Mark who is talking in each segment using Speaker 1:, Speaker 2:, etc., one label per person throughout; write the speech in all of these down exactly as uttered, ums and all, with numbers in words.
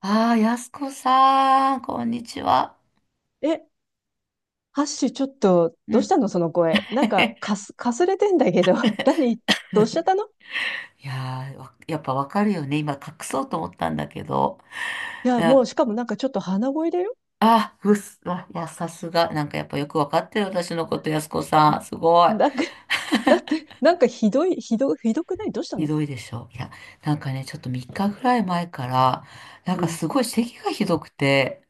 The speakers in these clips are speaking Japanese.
Speaker 1: ああ、やすこさん、こんにちは。
Speaker 2: え、ハッシュ、ちょっと、
Speaker 1: う
Speaker 2: どうし
Speaker 1: ん。
Speaker 2: たのその声。なんか、かす、かすれてんだけど、何どうしちゃったの？い
Speaker 1: いやー、わやっぱわかるよね。今隠そうと思ったんだけど。い
Speaker 2: や、も
Speaker 1: や
Speaker 2: う、しかもなんかちょっと鼻声だよ。
Speaker 1: あ、うっす、あ、いや、さすが。なんかやっぱよくわかってる私のこと、やすこ
Speaker 2: う
Speaker 1: さ
Speaker 2: ん、
Speaker 1: ん。すごい。
Speaker 2: なんか、だって、なんかひどい、ひど、ひどくない？どうした
Speaker 1: ひ
Speaker 2: の？
Speaker 1: どいでしょ。いや、なんかね、ちょっとみっかぐらい前から、なん
Speaker 2: う
Speaker 1: か
Speaker 2: ん。
Speaker 1: すごい咳がひどくて、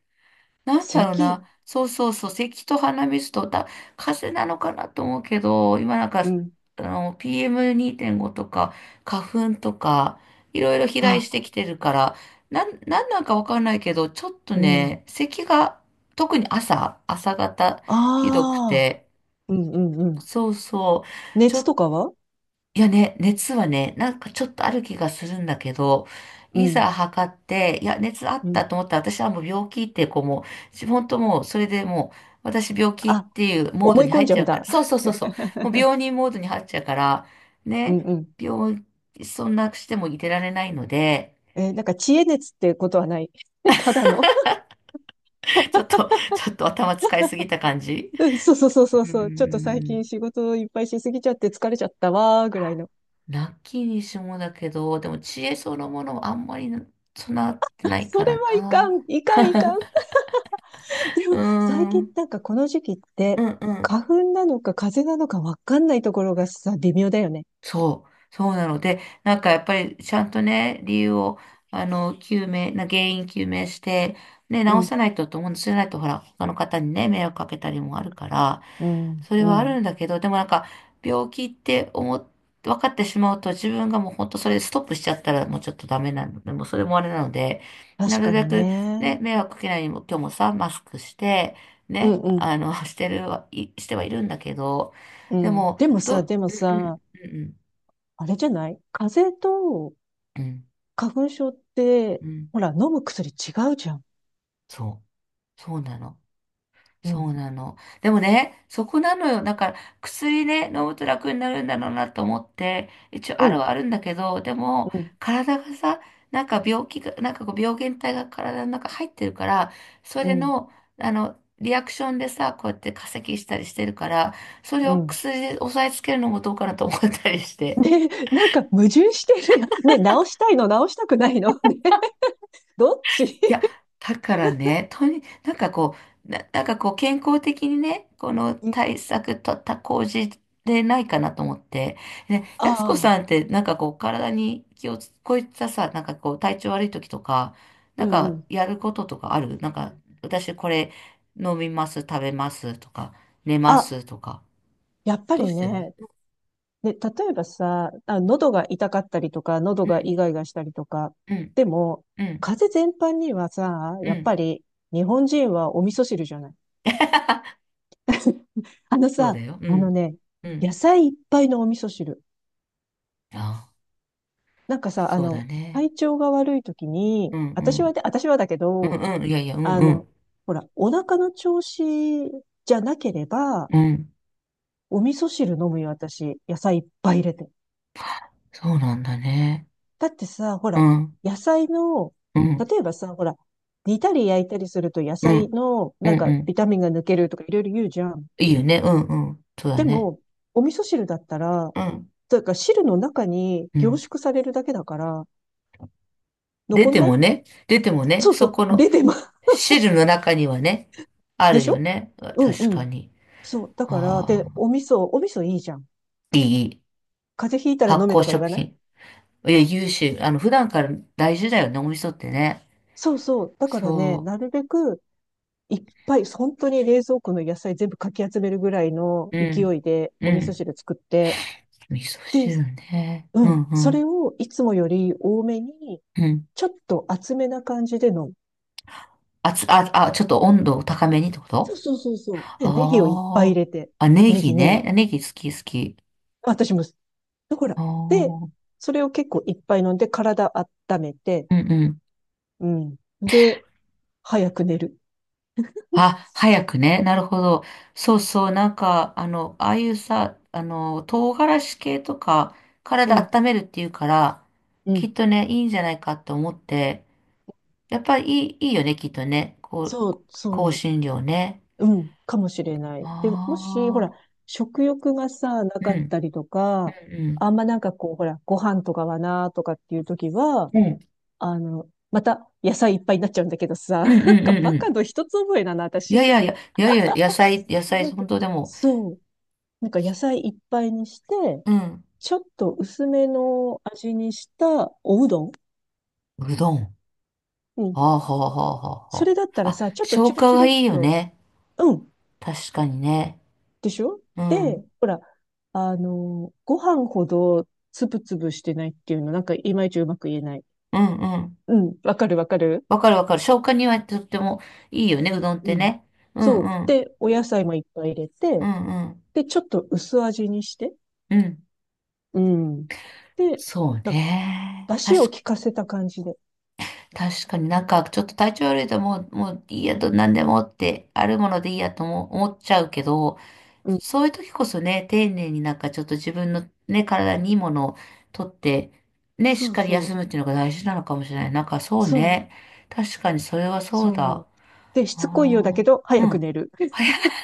Speaker 1: なんだろう
Speaker 2: 咳。
Speaker 1: な。そうそうそう。咳と鼻水とだ、風邪なのかなと思うけど、今なんか、
Speaker 2: うん。
Speaker 1: あの、ピーエムにーてんご とか、花粉とか、いろいろ飛来して
Speaker 2: あ、
Speaker 1: きてるから、なん、なんなんかわかんないけど、ちょっと
Speaker 2: うん。
Speaker 1: ね、咳が、特に朝、朝方、ひどく
Speaker 2: ああ。
Speaker 1: て、
Speaker 2: うんうんうん。
Speaker 1: そうそう。ちょ
Speaker 2: 熱
Speaker 1: っ
Speaker 2: とかは？
Speaker 1: いやね、熱はね、なんかちょっとある気がするんだけど、
Speaker 2: う
Speaker 1: い
Speaker 2: ん。
Speaker 1: ざ測って、いや、熱あっ
Speaker 2: う
Speaker 1: た
Speaker 2: ん。
Speaker 1: と思ったら、私はもう病気っていう、こうもう、本当もう、それでもう、私病気っ
Speaker 2: あ、
Speaker 1: ていうモード
Speaker 2: 思い
Speaker 1: に
Speaker 2: 込ん
Speaker 1: 入っ
Speaker 2: じゃ
Speaker 1: ち
Speaker 2: う
Speaker 1: ゃ
Speaker 2: ん
Speaker 1: うから、
Speaker 2: だ。
Speaker 1: そう そうそうそう、もう病人モードに入っちゃうから、
Speaker 2: うん
Speaker 1: ね、
Speaker 2: うん。
Speaker 1: 病、そんなしてもいてられないので、
Speaker 2: えーなんか、知恵熱ってことはない？ただの。
Speaker 1: ちょっと、ちょっと頭使いすぎた感じ。
Speaker 2: うん、そうそうそうそ
Speaker 1: う
Speaker 2: う
Speaker 1: ー
Speaker 2: そう。ちょっと最
Speaker 1: ん。
Speaker 2: 近仕事いっぱいしすぎちゃって疲れちゃったわーぐらいの。
Speaker 1: ラッキーにしもだけど、でも知恵そのものはあんまり備わって
Speaker 2: あ、
Speaker 1: ない
Speaker 2: そ
Speaker 1: か
Speaker 2: れ
Speaker 1: ら
Speaker 2: はいか
Speaker 1: な。
Speaker 2: ん、いかん、いかん。で
Speaker 1: うー
Speaker 2: も最近
Speaker 1: ん。
Speaker 2: なんかこの時期っ
Speaker 1: う
Speaker 2: て
Speaker 1: んう
Speaker 2: 花
Speaker 1: ん、
Speaker 2: 粉なのか風邪なのかわかんないところがさ、微妙だよね。
Speaker 1: そう、そうなので、なんかやっぱりちゃんとね、理由を、あの、究明、な原因究明して、ね、
Speaker 2: う
Speaker 1: 直
Speaker 2: ん、
Speaker 1: さないとと思うんです。じゃないと、ほら、他の方にね、迷惑かけたりもあるから、
Speaker 2: うん、
Speaker 1: それ
Speaker 2: う
Speaker 1: はある
Speaker 2: ん。
Speaker 1: んだけど、でもなんか、病気って思っ、分かってしまうと、自分がもう本当それでストップしちゃったら、もうちょっとダメなので、もうそれもあれなので、な
Speaker 2: 確
Speaker 1: る
Speaker 2: か
Speaker 1: べ
Speaker 2: に
Speaker 1: く
Speaker 2: ね。
Speaker 1: ね、迷惑かけないようにも、今日もさ、マスクして、
Speaker 2: うん、
Speaker 1: ね、
Speaker 2: うん、
Speaker 1: あの、してるは、いしてはいるんだけど、
Speaker 2: う
Speaker 1: で
Speaker 2: ん。
Speaker 1: も、
Speaker 2: でもさ、
Speaker 1: ど、
Speaker 2: でも
Speaker 1: うんうん、
Speaker 2: さ、
Speaker 1: うんうん
Speaker 2: あれじゃない？風邪と
Speaker 1: うん、
Speaker 2: 花粉症って、
Speaker 1: うん、
Speaker 2: ほら、飲む薬違うじゃん。
Speaker 1: そう、そうなの。
Speaker 2: う
Speaker 1: そ
Speaker 2: ん、
Speaker 1: うなの。でもね、そこなのよ。だから、薬ね、飲むと楽になるんだろうなと思って、一応
Speaker 2: う
Speaker 1: ある
Speaker 2: ん、
Speaker 1: はあるんだけど、でも、
Speaker 2: うん、
Speaker 1: 体がさ、なんか病気が、なんかこう病原体が体の中入ってるから、そ
Speaker 2: う
Speaker 1: れ
Speaker 2: ん、
Speaker 1: の、あの、リアクションでさ、こうやって化石したりしてるから、それ
Speaker 2: う
Speaker 1: を
Speaker 2: ん。
Speaker 1: 薬で抑えつけるのもどうかなと思ったりして。
Speaker 2: ね、なんか矛盾してるやつ。ね、直したいの、直したくないの。ね、どっち？
Speaker 1: いや、だからね、とに、なんかこう、な、なんかこう、健康的にね、この
Speaker 2: うん、
Speaker 1: 対策とった工事でないかなと思って。で、やすこさ
Speaker 2: ああ、
Speaker 1: んって、なんかこう、体に気をつ、こういったさ、なんかこう、体調悪い時とか、
Speaker 2: う
Speaker 1: なん
Speaker 2: んう
Speaker 1: か
Speaker 2: ん。
Speaker 1: やることとかあるなんか、私これ飲みます、食べますとか、寝ま
Speaker 2: あ、
Speaker 1: すとか。
Speaker 2: やっぱ
Speaker 1: どう
Speaker 2: り
Speaker 1: してる？
Speaker 2: ね。で、例えばさ、あ、喉が痛かったりとか、喉
Speaker 1: う
Speaker 2: がイ
Speaker 1: ん、
Speaker 2: ガイガしたりとか。
Speaker 1: うん、
Speaker 2: でも、
Speaker 1: うん、
Speaker 2: 風邪全般にはさ、
Speaker 1: う
Speaker 2: やっぱ
Speaker 1: ん。
Speaker 2: り日本人はお味噌汁じゃない？あの
Speaker 1: そうだ
Speaker 2: さ、
Speaker 1: よ。う
Speaker 2: あの
Speaker 1: ん、
Speaker 2: ね、
Speaker 1: う
Speaker 2: 野
Speaker 1: ん。
Speaker 2: 菜いっぱいのお味噌汁。
Speaker 1: あ、
Speaker 2: なんかさ、あ
Speaker 1: そうだ
Speaker 2: の、
Speaker 1: ね。
Speaker 2: 体調が悪い時
Speaker 1: う
Speaker 2: に、
Speaker 1: ん、う
Speaker 2: 私は
Speaker 1: ん。
Speaker 2: で、私はだけ
Speaker 1: う
Speaker 2: ど、
Speaker 1: んうん、いやいや、うん
Speaker 2: あ
Speaker 1: うん、
Speaker 2: の、ほら、お腹の調子じゃなければ、
Speaker 1: うん。
Speaker 2: お味噌汁飲むよ、私。野菜いっぱい入れて。
Speaker 1: そうなんだね。
Speaker 2: だってさ、ほ
Speaker 1: う
Speaker 2: ら、
Speaker 1: ん、
Speaker 2: 野菜の、
Speaker 1: うん、
Speaker 2: 例えばさ、ほら、煮たり焼いたりすると野
Speaker 1: う
Speaker 2: 菜
Speaker 1: ん、
Speaker 2: の、
Speaker 1: う
Speaker 2: なん
Speaker 1: ん、う
Speaker 2: か、ビ
Speaker 1: ん。
Speaker 2: タミンが抜けるとかいろいろ言うじゃん。
Speaker 1: いいよね、うん、うん。そうだ
Speaker 2: で
Speaker 1: ね。
Speaker 2: も、お味噌汁だったら、
Speaker 1: うん、
Speaker 2: というか汁の中に
Speaker 1: う
Speaker 2: 凝
Speaker 1: ん。
Speaker 2: 縮されるだけだから、
Speaker 1: 出
Speaker 2: 残ん
Speaker 1: て
Speaker 2: ない。
Speaker 1: もね、出てもね、
Speaker 2: そうそ
Speaker 1: そ
Speaker 2: う、
Speaker 1: この
Speaker 2: レデマ、
Speaker 1: 汁の中にはね、あ
Speaker 2: で
Speaker 1: る
Speaker 2: し
Speaker 1: よ
Speaker 2: ょ？
Speaker 1: ね。
Speaker 2: うん
Speaker 1: 確
Speaker 2: う
Speaker 1: か
Speaker 2: ん。
Speaker 1: に。
Speaker 2: そう、だから、
Speaker 1: あ
Speaker 2: で、
Speaker 1: あ、
Speaker 2: お味噌、お味噌いいじゃん。
Speaker 1: いい、いい、
Speaker 2: 風邪ひいたら
Speaker 1: 発
Speaker 2: 飲め
Speaker 1: 酵
Speaker 2: とか言
Speaker 1: 食
Speaker 2: わない？
Speaker 1: 品。いや、優秀。あの、普段から大事だよね、お味噌ってね。
Speaker 2: そうそう。だからね、
Speaker 1: そ
Speaker 2: なるべくいっぱい、本当に冷蔵庫の野菜全部かき集めるぐらいの
Speaker 1: う。う
Speaker 2: 勢
Speaker 1: ん、
Speaker 2: いで
Speaker 1: う
Speaker 2: お味噌
Speaker 1: ん。
Speaker 2: 汁作って、
Speaker 1: 味噌
Speaker 2: で、
Speaker 1: 汁ね。う
Speaker 2: う
Speaker 1: ん、
Speaker 2: ん、
Speaker 1: う
Speaker 2: そ
Speaker 1: ん、
Speaker 2: れをいつもより多めに、
Speaker 1: うん。
Speaker 2: ちょっと厚めな感じで飲む。
Speaker 1: あつ、あ、あ、ちょっと温度を高めにってこ
Speaker 2: そう
Speaker 1: と？
Speaker 2: そうそうそう。で、ネギをいっぱい入
Speaker 1: ああ。
Speaker 2: れて、
Speaker 1: あ、ネ
Speaker 2: ネ
Speaker 1: ギ
Speaker 2: ギネ
Speaker 1: ね。
Speaker 2: ギ。
Speaker 1: ネギ好き好き。
Speaker 2: 私も、だから。
Speaker 1: あ
Speaker 2: で、
Speaker 1: あ。
Speaker 2: それを結構いっぱい飲んで、体温めて、
Speaker 1: うんうん。
Speaker 2: うん。で、早く寝る。
Speaker 1: あ、早くね。なるほど。そうそう。なんか、あの、ああいうさ、あの、唐辛子系とか、
Speaker 2: う
Speaker 1: 体
Speaker 2: ん、
Speaker 1: 温めるっていうから、
Speaker 2: う
Speaker 1: きっ
Speaker 2: ん。
Speaker 1: とね、いいんじゃないかって思って、やっぱりいい、いいよね、きっとね。こう、
Speaker 2: そう、
Speaker 1: 香
Speaker 2: そう。
Speaker 1: 辛料ね。
Speaker 2: うん、かもしれな
Speaker 1: あ
Speaker 2: い。で、もし、ほら、
Speaker 1: あ。
Speaker 2: 食欲がさ、な
Speaker 1: う
Speaker 2: かっ
Speaker 1: ん、
Speaker 2: たりと
Speaker 1: う
Speaker 2: か、
Speaker 1: ん、
Speaker 2: あんまなんかこう、ほら、ご飯とかはな、とかっていう時は、
Speaker 1: うん。うん、
Speaker 2: あの、また野菜いっぱいになっちゃうんだけどさ、
Speaker 1: うん、う
Speaker 2: な
Speaker 1: ん、
Speaker 2: んか
Speaker 1: うん。う
Speaker 2: バカ
Speaker 1: ん、
Speaker 2: の一つ覚えだな、
Speaker 1: いや
Speaker 2: 私。
Speaker 1: いやいや、いやいや、野菜、野菜、
Speaker 2: なんか、
Speaker 1: 本当でも、
Speaker 2: そう。なんか野菜いっぱいにして、
Speaker 1: うん。
Speaker 2: ちょっと薄めの味にしたおうどん。
Speaker 1: うどん。
Speaker 2: う
Speaker 1: あ
Speaker 2: ん。
Speaker 1: あ、はあ、はあ、はあ、
Speaker 2: そ
Speaker 1: は
Speaker 2: れだった
Speaker 1: あ。
Speaker 2: ら
Speaker 1: あ、
Speaker 2: さ、ちょっと
Speaker 1: 消
Speaker 2: チュル
Speaker 1: 化
Speaker 2: チュル
Speaker 1: が
Speaker 2: っ
Speaker 1: いいよ
Speaker 2: と、
Speaker 1: ね。
Speaker 2: うん。
Speaker 1: 確かにね。
Speaker 2: でしょ？
Speaker 1: うん。う
Speaker 2: で、
Speaker 1: ん、
Speaker 2: ほら、あの、ご飯ほどつぶつぶしてないっていうの、なんかいまいちうまく言えない。
Speaker 1: うん。
Speaker 2: うん、わかるわかる。
Speaker 1: わかるわかる。消化にはとってもいいよね、うどんっ
Speaker 2: う
Speaker 1: て
Speaker 2: ん。
Speaker 1: ね。う
Speaker 2: そう。
Speaker 1: ん、うん。
Speaker 2: で、お野菜もいっぱい入れ
Speaker 1: うん、
Speaker 2: て、
Speaker 1: うん。
Speaker 2: で、ちょっと薄味にして、
Speaker 1: うん。
Speaker 2: うん。で、
Speaker 1: そう
Speaker 2: な、
Speaker 1: ね。
Speaker 2: 出汁を
Speaker 1: 確
Speaker 2: 効かせた感じで。
Speaker 1: 確かになんかちょっと体調悪いともう、もういいやと何でもってあるものでいいやとも思っちゃうけど、
Speaker 2: うん。
Speaker 1: そういう時こそね、丁寧になんかちょっと自分のね、体にいいものをとって、ね、しっ
Speaker 2: そう
Speaker 1: かり
Speaker 2: そ
Speaker 1: 休
Speaker 2: う。
Speaker 1: むっていうのが大事なのかもしれない。なんかそう
Speaker 2: そう。
Speaker 1: ね。確かにそれはそうだ。
Speaker 2: そう。で、
Speaker 1: あ
Speaker 2: しつこいようだ
Speaker 1: あ。
Speaker 2: けど、
Speaker 1: う
Speaker 2: 早く
Speaker 1: ん。
Speaker 2: 寝る。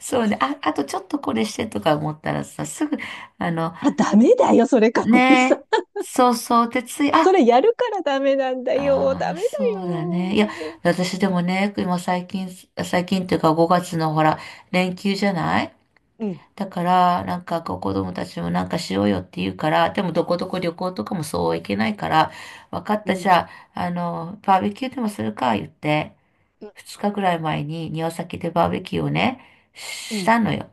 Speaker 1: そうね。あ、あとちょっとこれしてとか思ったらさ、すぐ、あの、
Speaker 2: あ、ダメだよ、それか、おじさ
Speaker 1: ねえ、
Speaker 2: ん。
Speaker 1: そうそう、でつい、
Speaker 2: それ
Speaker 1: あ、
Speaker 2: やるからダメなんだよ。
Speaker 1: あ
Speaker 2: ダ
Speaker 1: あ、
Speaker 2: メだ
Speaker 1: そうだね。いや、
Speaker 2: よ。
Speaker 1: 私でもね、今最近、最近っていうかごがつのほら、連休じゃない？
Speaker 2: うん。
Speaker 1: だから、なんかこう子供たちもなんかしようよって言うから、でもどこどこ旅行とかもそうはいけないから、わかっ
Speaker 2: う
Speaker 1: た、じ
Speaker 2: ん。
Speaker 1: ゃあ、あの、バーベキューでもするか、言って、
Speaker 2: うん。
Speaker 1: ふつかぐらい前に庭先でバーベキューをね、
Speaker 2: う
Speaker 1: した
Speaker 2: ん、
Speaker 1: のよ。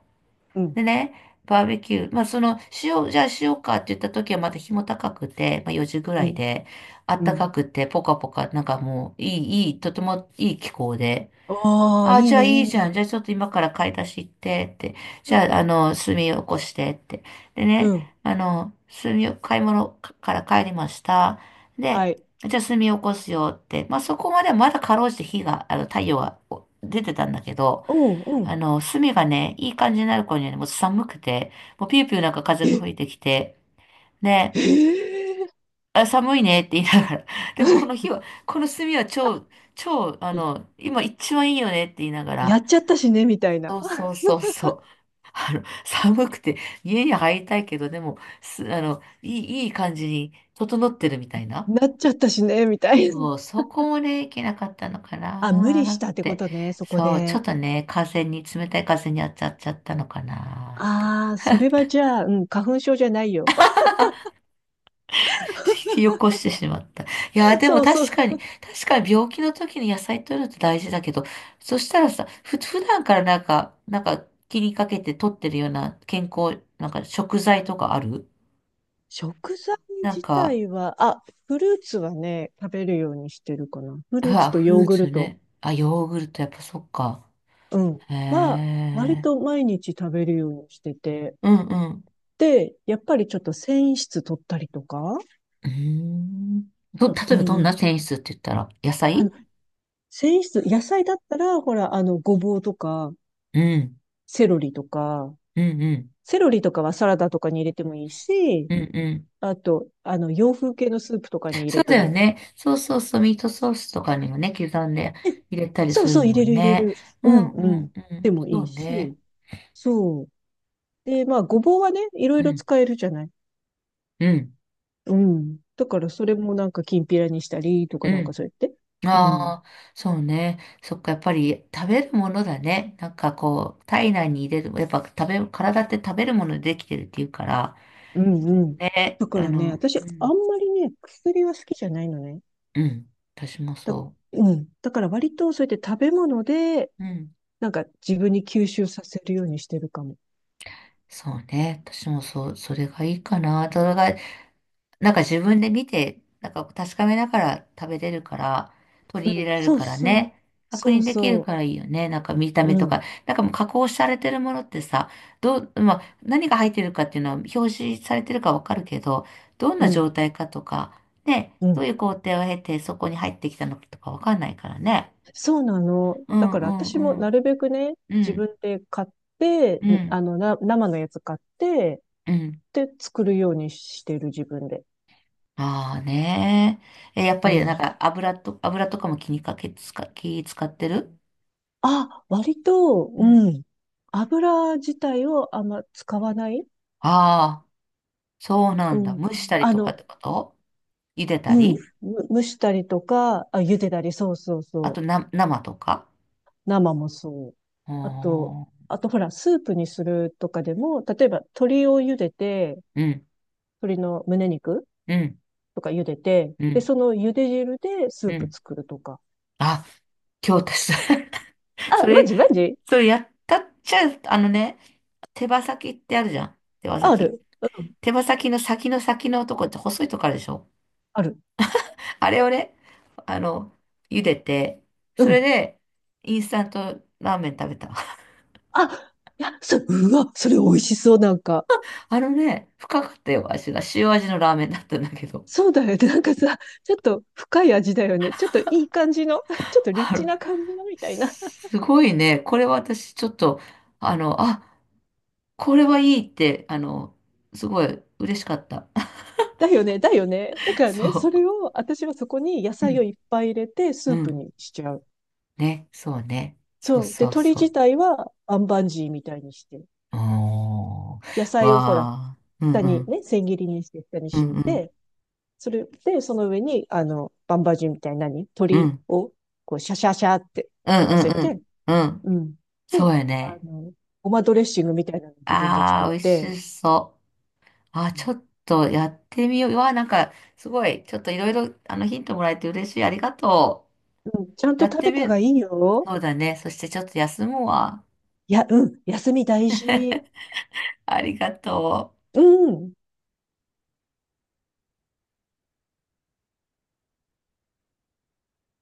Speaker 2: うん、
Speaker 1: でね、バーベキュー。まあ、その、しよう、じゃあしようかって言った時はまだ日も高くて、まあよじぐら
Speaker 2: う
Speaker 1: い
Speaker 2: ん、
Speaker 1: で、あっ
Speaker 2: う
Speaker 1: た
Speaker 2: ん。
Speaker 1: かくて、ポカポカ、なんかもう、いい、いい、とてもいい気候で。
Speaker 2: ああ、い
Speaker 1: あ、
Speaker 2: い
Speaker 1: じゃあ
Speaker 2: ね、い
Speaker 1: い
Speaker 2: い
Speaker 1: いじゃ
Speaker 2: ね。
Speaker 1: ん。じゃあちょっと今から買い出し行ってって。
Speaker 2: う
Speaker 1: じ
Speaker 2: ん、
Speaker 1: ゃあ、あの、炭起こしてって。で
Speaker 2: う
Speaker 1: ね、
Speaker 2: ん、
Speaker 1: あの、炭を、買い物かから帰りました。
Speaker 2: は
Speaker 1: で、
Speaker 2: い。
Speaker 1: じゃあ炭起こすよって。まあ、そこまではまだかろうじて火が、あの、太陽がお出てたんだけど、
Speaker 2: うん、う
Speaker 1: あ
Speaker 2: ん。
Speaker 1: の、炭がね、いい感じになる頃にはね、もう寒くて、もうピューピューなんか風
Speaker 2: え、
Speaker 1: が吹いてきて、ね、
Speaker 2: え
Speaker 1: あ、寒いねって言いながら、でもこ
Speaker 2: え
Speaker 1: の 火は、この炭は超、超、あの、今一番いいよねって言いなが
Speaker 2: いや
Speaker 1: ら、
Speaker 2: っちゃったしね、みたいな。
Speaker 1: そうそうそうそう。あの、寒くて家に入りたいけど、でも、す、あの、いい、いい感じに整ってるみたいな。
Speaker 2: なっちゃったしね、みたいな。
Speaker 1: もうそこもね、いけなかったのか
Speaker 2: あ、無
Speaker 1: な
Speaker 2: 理し
Speaker 1: ーっ
Speaker 2: たってこ
Speaker 1: て。
Speaker 2: とね、そこ
Speaker 1: そう、ちょっ
Speaker 2: で。
Speaker 1: とね、風に、冷たい風に当たっちゃったのかなーって。
Speaker 2: ああ、それはじゃあ、うん、花粉症じゃないよ。
Speaker 1: 引き起こしてしまった。いやー、でも
Speaker 2: そうそう。
Speaker 1: 確かに、確かに病気の時に野菜取るって大事だけど、そしたらさ、ふ、普段からなんか、なんか気にかけて取ってるような健康、なんか食材とかある
Speaker 2: 食材
Speaker 1: なん
Speaker 2: 自
Speaker 1: か、
Speaker 2: 体は、あ、フルーツはね、食べるようにしてるかな。フ
Speaker 1: う
Speaker 2: ルーツ
Speaker 1: わ、
Speaker 2: と
Speaker 1: フ
Speaker 2: ヨ
Speaker 1: ル
Speaker 2: ー
Speaker 1: ー
Speaker 2: グ
Speaker 1: ツ
Speaker 2: ルト、
Speaker 1: ね。あ、ヨーグルト、やっぱそっか。
Speaker 2: うん、
Speaker 1: へ
Speaker 2: は、割
Speaker 1: え。
Speaker 2: と毎日食べるようにしてて、
Speaker 1: うんうん。
Speaker 2: で、やっぱりちょっと繊維質取ったりとか、
Speaker 1: うーん。ど、例え
Speaker 2: う
Speaker 1: ばどんな
Speaker 2: ん。
Speaker 1: 繊維質って言ったら、野
Speaker 2: あ
Speaker 1: 菜？
Speaker 2: の、繊維質、野菜だったら、ほら、あの、ごぼうとか、
Speaker 1: うん。
Speaker 2: セロリとか、
Speaker 1: うんうん。
Speaker 2: セロリとかはサラダとかに入れてもいいし、
Speaker 1: うんうん。
Speaker 2: あと、あの、洋風系のスープとかに入
Speaker 1: そう
Speaker 2: れ
Speaker 1: だ
Speaker 2: て
Speaker 1: よ
Speaker 2: も、
Speaker 1: ね。そうそうそう、ミートソースとかにもね、刻んで
Speaker 2: え、
Speaker 1: 入れたり
Speaker 2: そう
Speaker 1: する
Speaker 2: そう、入
Speaker 1: も
Speaker 2: れ
Speaker 1: ん
Speaker 2: る入れ
Speaker 1: ね。
Speaker 2: る。
Speaker 1: う
Speaker 2: う
Speaker 1: んう
Speaker 2: ん、うん。
Speaker 1: んう
Speaker 2: で
Speaker 1: ん。
Speaker 2: もい
Speaker 1: そ
Speaker 2: い
Speaker 1: うね。
Speaker 2: し、そう。で、まあ、ごぼうはね、いろい
Speaker 1: う
Speaker 2: ろ
Speaker 1: ん
Speaker 2: 使えるじゃない。
Speaker 1: うん
Speaker 2: うん。だから、それもなんか、きんぴらにしたりとか
Speaker 1: う
Speaker 2: なんか
Speaker 1: ん。
Speaker 2: そうやって。うん。
Speaker 1: ああ、そうね。そっか、やっぱり食べるものだね。なんかこう、体内に入れる、やっぱ食べ、体って食べるものでできてるっていうから、
Speaker 2: うんうん。
Speaker 1: え、
Speaker 2: だか
Speaker 1: あ
Speaker 2: らね、
Speaker 1: の、
Speaker 2: 私、
Speaker 1: う
Speaker 2: あん
Speaker 1: ん、
Speaker 2: まりね、薬は好きじゃないのね。
Speaker 1: うん、私も
Speaker 2: だ、
Speaker 1: そ
Speaker 2: うん。だから割とそうやって食べ物で、
Speaker 1: う。うん。
Speaker 2: なんか自分に吸収させるようにしてるかも。
Speaker 1: そうね。私もそう、それがいいかな。それがなんか自分で見て、なんか確かめながら食べれるから、取
Speaker 2: う
Speaker 1: り
Speaker 2: ん。
Speaker 1: 入れられる
Speaker 2: そう
Speaker 1: から
Speaker 2: そう。
Speaker 1: ね。確
Speaker 2: そう
Speaker 1: 認できる
Speaker 2: そ
Speaker 1: からいいよね。なんか見た
Speaker 2: う。う
Speaker 1: 目とか。
Speaker 2: ん。
Speaker 1: なんかもう加工されてるものってさ、どう、まあ、何が入ってるかっていうのは表示されてるかわかるけど、どん
Speaker 2: う
Speaker 1: な
Speaker 2: ん。
Speaker 1: 状態かとか、ね、
Speaker 2: う
Speaker 1: どう
Speaker 2: ん。
Speaker 1: いう工程を経てそこに入ってきたのかとかわかんないからね。
Speaker 2: そうなの。
Speaker 1: う
Speaker 2: だ
Speaker 1: ん
Speaker 2: か
Speaker 1: う
Speaker 2: ら
Speaker 1: んう
Speaker 2: 私もな
Speaker 1: ん。
Speaker 2: るべくね、
Speaker 1: う
Speaker 2: 自
Speaker 1: ん。
Speaker 2: 分で買って、
Speaker 1: う
Speaker 2: あ
Speaker 1: ん。
Speaker 2: の、な、生のやつ買って、
Speaker 1: うん。
Speaker 2: で、作るようにしてる自分で。
Speaker 1: ああねえ。え、やっぱ
Speaker 2: う
Speaker 1: りなん
Speaker 2: ん。
Speaker 1: か油と、油とかも気にかけ、使、気使ってる？
Speaker 2: あ、割と、うん。油自体をあんま使わない。
Speaker 1: ああ、そうな
Speaker 2: う
Speaker 1: んだ。
Speaker 2: ん。
Speaker 1: 蒸したり
Speaker 2: あ
Speaker 1: とかっ
Speaker 2: の、
Speaker 1: てこと？茹でた
Speaker 2: うん。
Speaker 1: り、
Speaker 2: む蒸したりとか、あ、茹でたり、そうそう
Speaker 1: あと
Speaker 2: そう。
Speaker 1: な、生とか、
Speaker 2: 生もそう。
Speaker 1: あ
Speaker 2: あと、
Speaker 1: ー、
Speaker 2: あとほら、スープにするとかでも、例えば鶏を茹でて、
Speaker 1: うん、
Speaker 2: 鶏の胸肉
Speaker 1: うん、
Speaker 2: とか茹でて、
Speaker 1: う
Speaker 2: で、
Speaker 1: ん、
Speaker 2: その茹で汁でスー
Speaker 1: う
Speaker 2: プ
Speaker 1: ん。
Speaker 2: 作るとか。
Speaker 1: あ、今日私、そ
Speaker 2: あ、マ
Speaker 1: れ、
Speaker 2: ジマジ？
Speaker 1: それやったっちゃ、あのね、手羽先ってあるじゃん。手羽
Speaker 2: あ
Speaker 1: 先。
Speaker 2: る。うん。
Speaker 1: 手羽先の先の先のとこって細いとこあるでしょ？
Speaker 2: ある。
Speaker 1: あれをね、あの、茹でて、
Speaker 2: う
Speaker 1: それ
Speaker 2: ん。
Speaker 1: で、インスタントラーメン食べた。
Speaker 2: あ、いや、そ、うわ、それ美味しそう、なんか。
Speaker 1: あのね、深かったよ、味が。塩味のラーメンだったんだけど。
Speaker 2: そうだよね。なんかさ、ちょっと深い味だよね。ちょっといい感じの、ちょっ とリッ
Speaker 1: あ
Speaker 2: チ
Speaker 1: の、
Speaker 2: な感じのみたいな。
Speaker 1: すごいね。これは私ちょっと、あの、あ、これはいいって、あの、すごい嬉しかった。
Speaker 2: だよね、だよね。だからね、それ
Speaker 1: そ
Speaker 2: を、私はそこに野
Speaker 1: う。う
Speaker 2: 菜を
Speaker 1: ん。
Speaker 2: いっぱい入れて、ス
Speaker 1: う
Speaker 2: ープ
Speaker 1: ん。
Speaker 2: にしちゃう。
Speaker 1: ね。そうね。そう
Speaker 2: そう。で、
Speaker 1: そう
Speaker 2: 鶏
Speaker 1: そ
Speaker 2: 自
Speaker 1: う。
Speaker 2: 体は、アンバンジーみたいにして、
Speaker 1: おー。
Speaker 2: 野菜をほら、
Speaker 1: わー。うん
Speaker 2: 下
Speaker 1: う
Speaker 2: に
Speaker 1: ん。
Speaker 2: ね、千切りにして、下に
Speaker 1: う
Speaker 2: 敷
Speaker 1: ん
Speaker 2: い
Speaker 1: うん。
Speaker 2: て、それで、その上に、あの、バンバンジーみたいな何
Speaker 1: う
Speaker 2: 鶏
Speaker 1: ん。
Speaker 2: を、こう、シャシャシャって
Speaker 1: うん
Speaker 2: 乗せ
Speaker 1: うん
Speaker 2: て、
Speaker 1: うん。うん。
Speaker 2: うん。
Speaker 1: そ
Speaker 2: で、
Speaker 1: うや
Speaker 2: あ
Speaker 1: ね。
Speaker 2: の、ごまドレッシングみたいなの自分で
Speaker 1: あ
Speaker 2: 作っ
Speaker 1: ー、美味
Speaker 2: て、
Speaker 1: しそう。あ、ちょっとやってみよう。うわ、なんか、すごい。ちょっといろいろ、あの、ヒントもらえて嬉しい。ありがと
Speaker 2: うん、ちゃん
Speaker 1: う。
Speaker 2: と
Speaker 1: やっ
Speaker 2: 食
Speaker 1: て
Speaker 2: べ
Speaker 1: み
Speaker 2: たが
Speaker 1: る。
Speaker 2: いいよ。
Speaker 1: そうだね。そしてちょっと休むわ。
Speaker 2: いや、うん、休み大事。
Speaker 1: ありがとう。
Speaker 2: うん。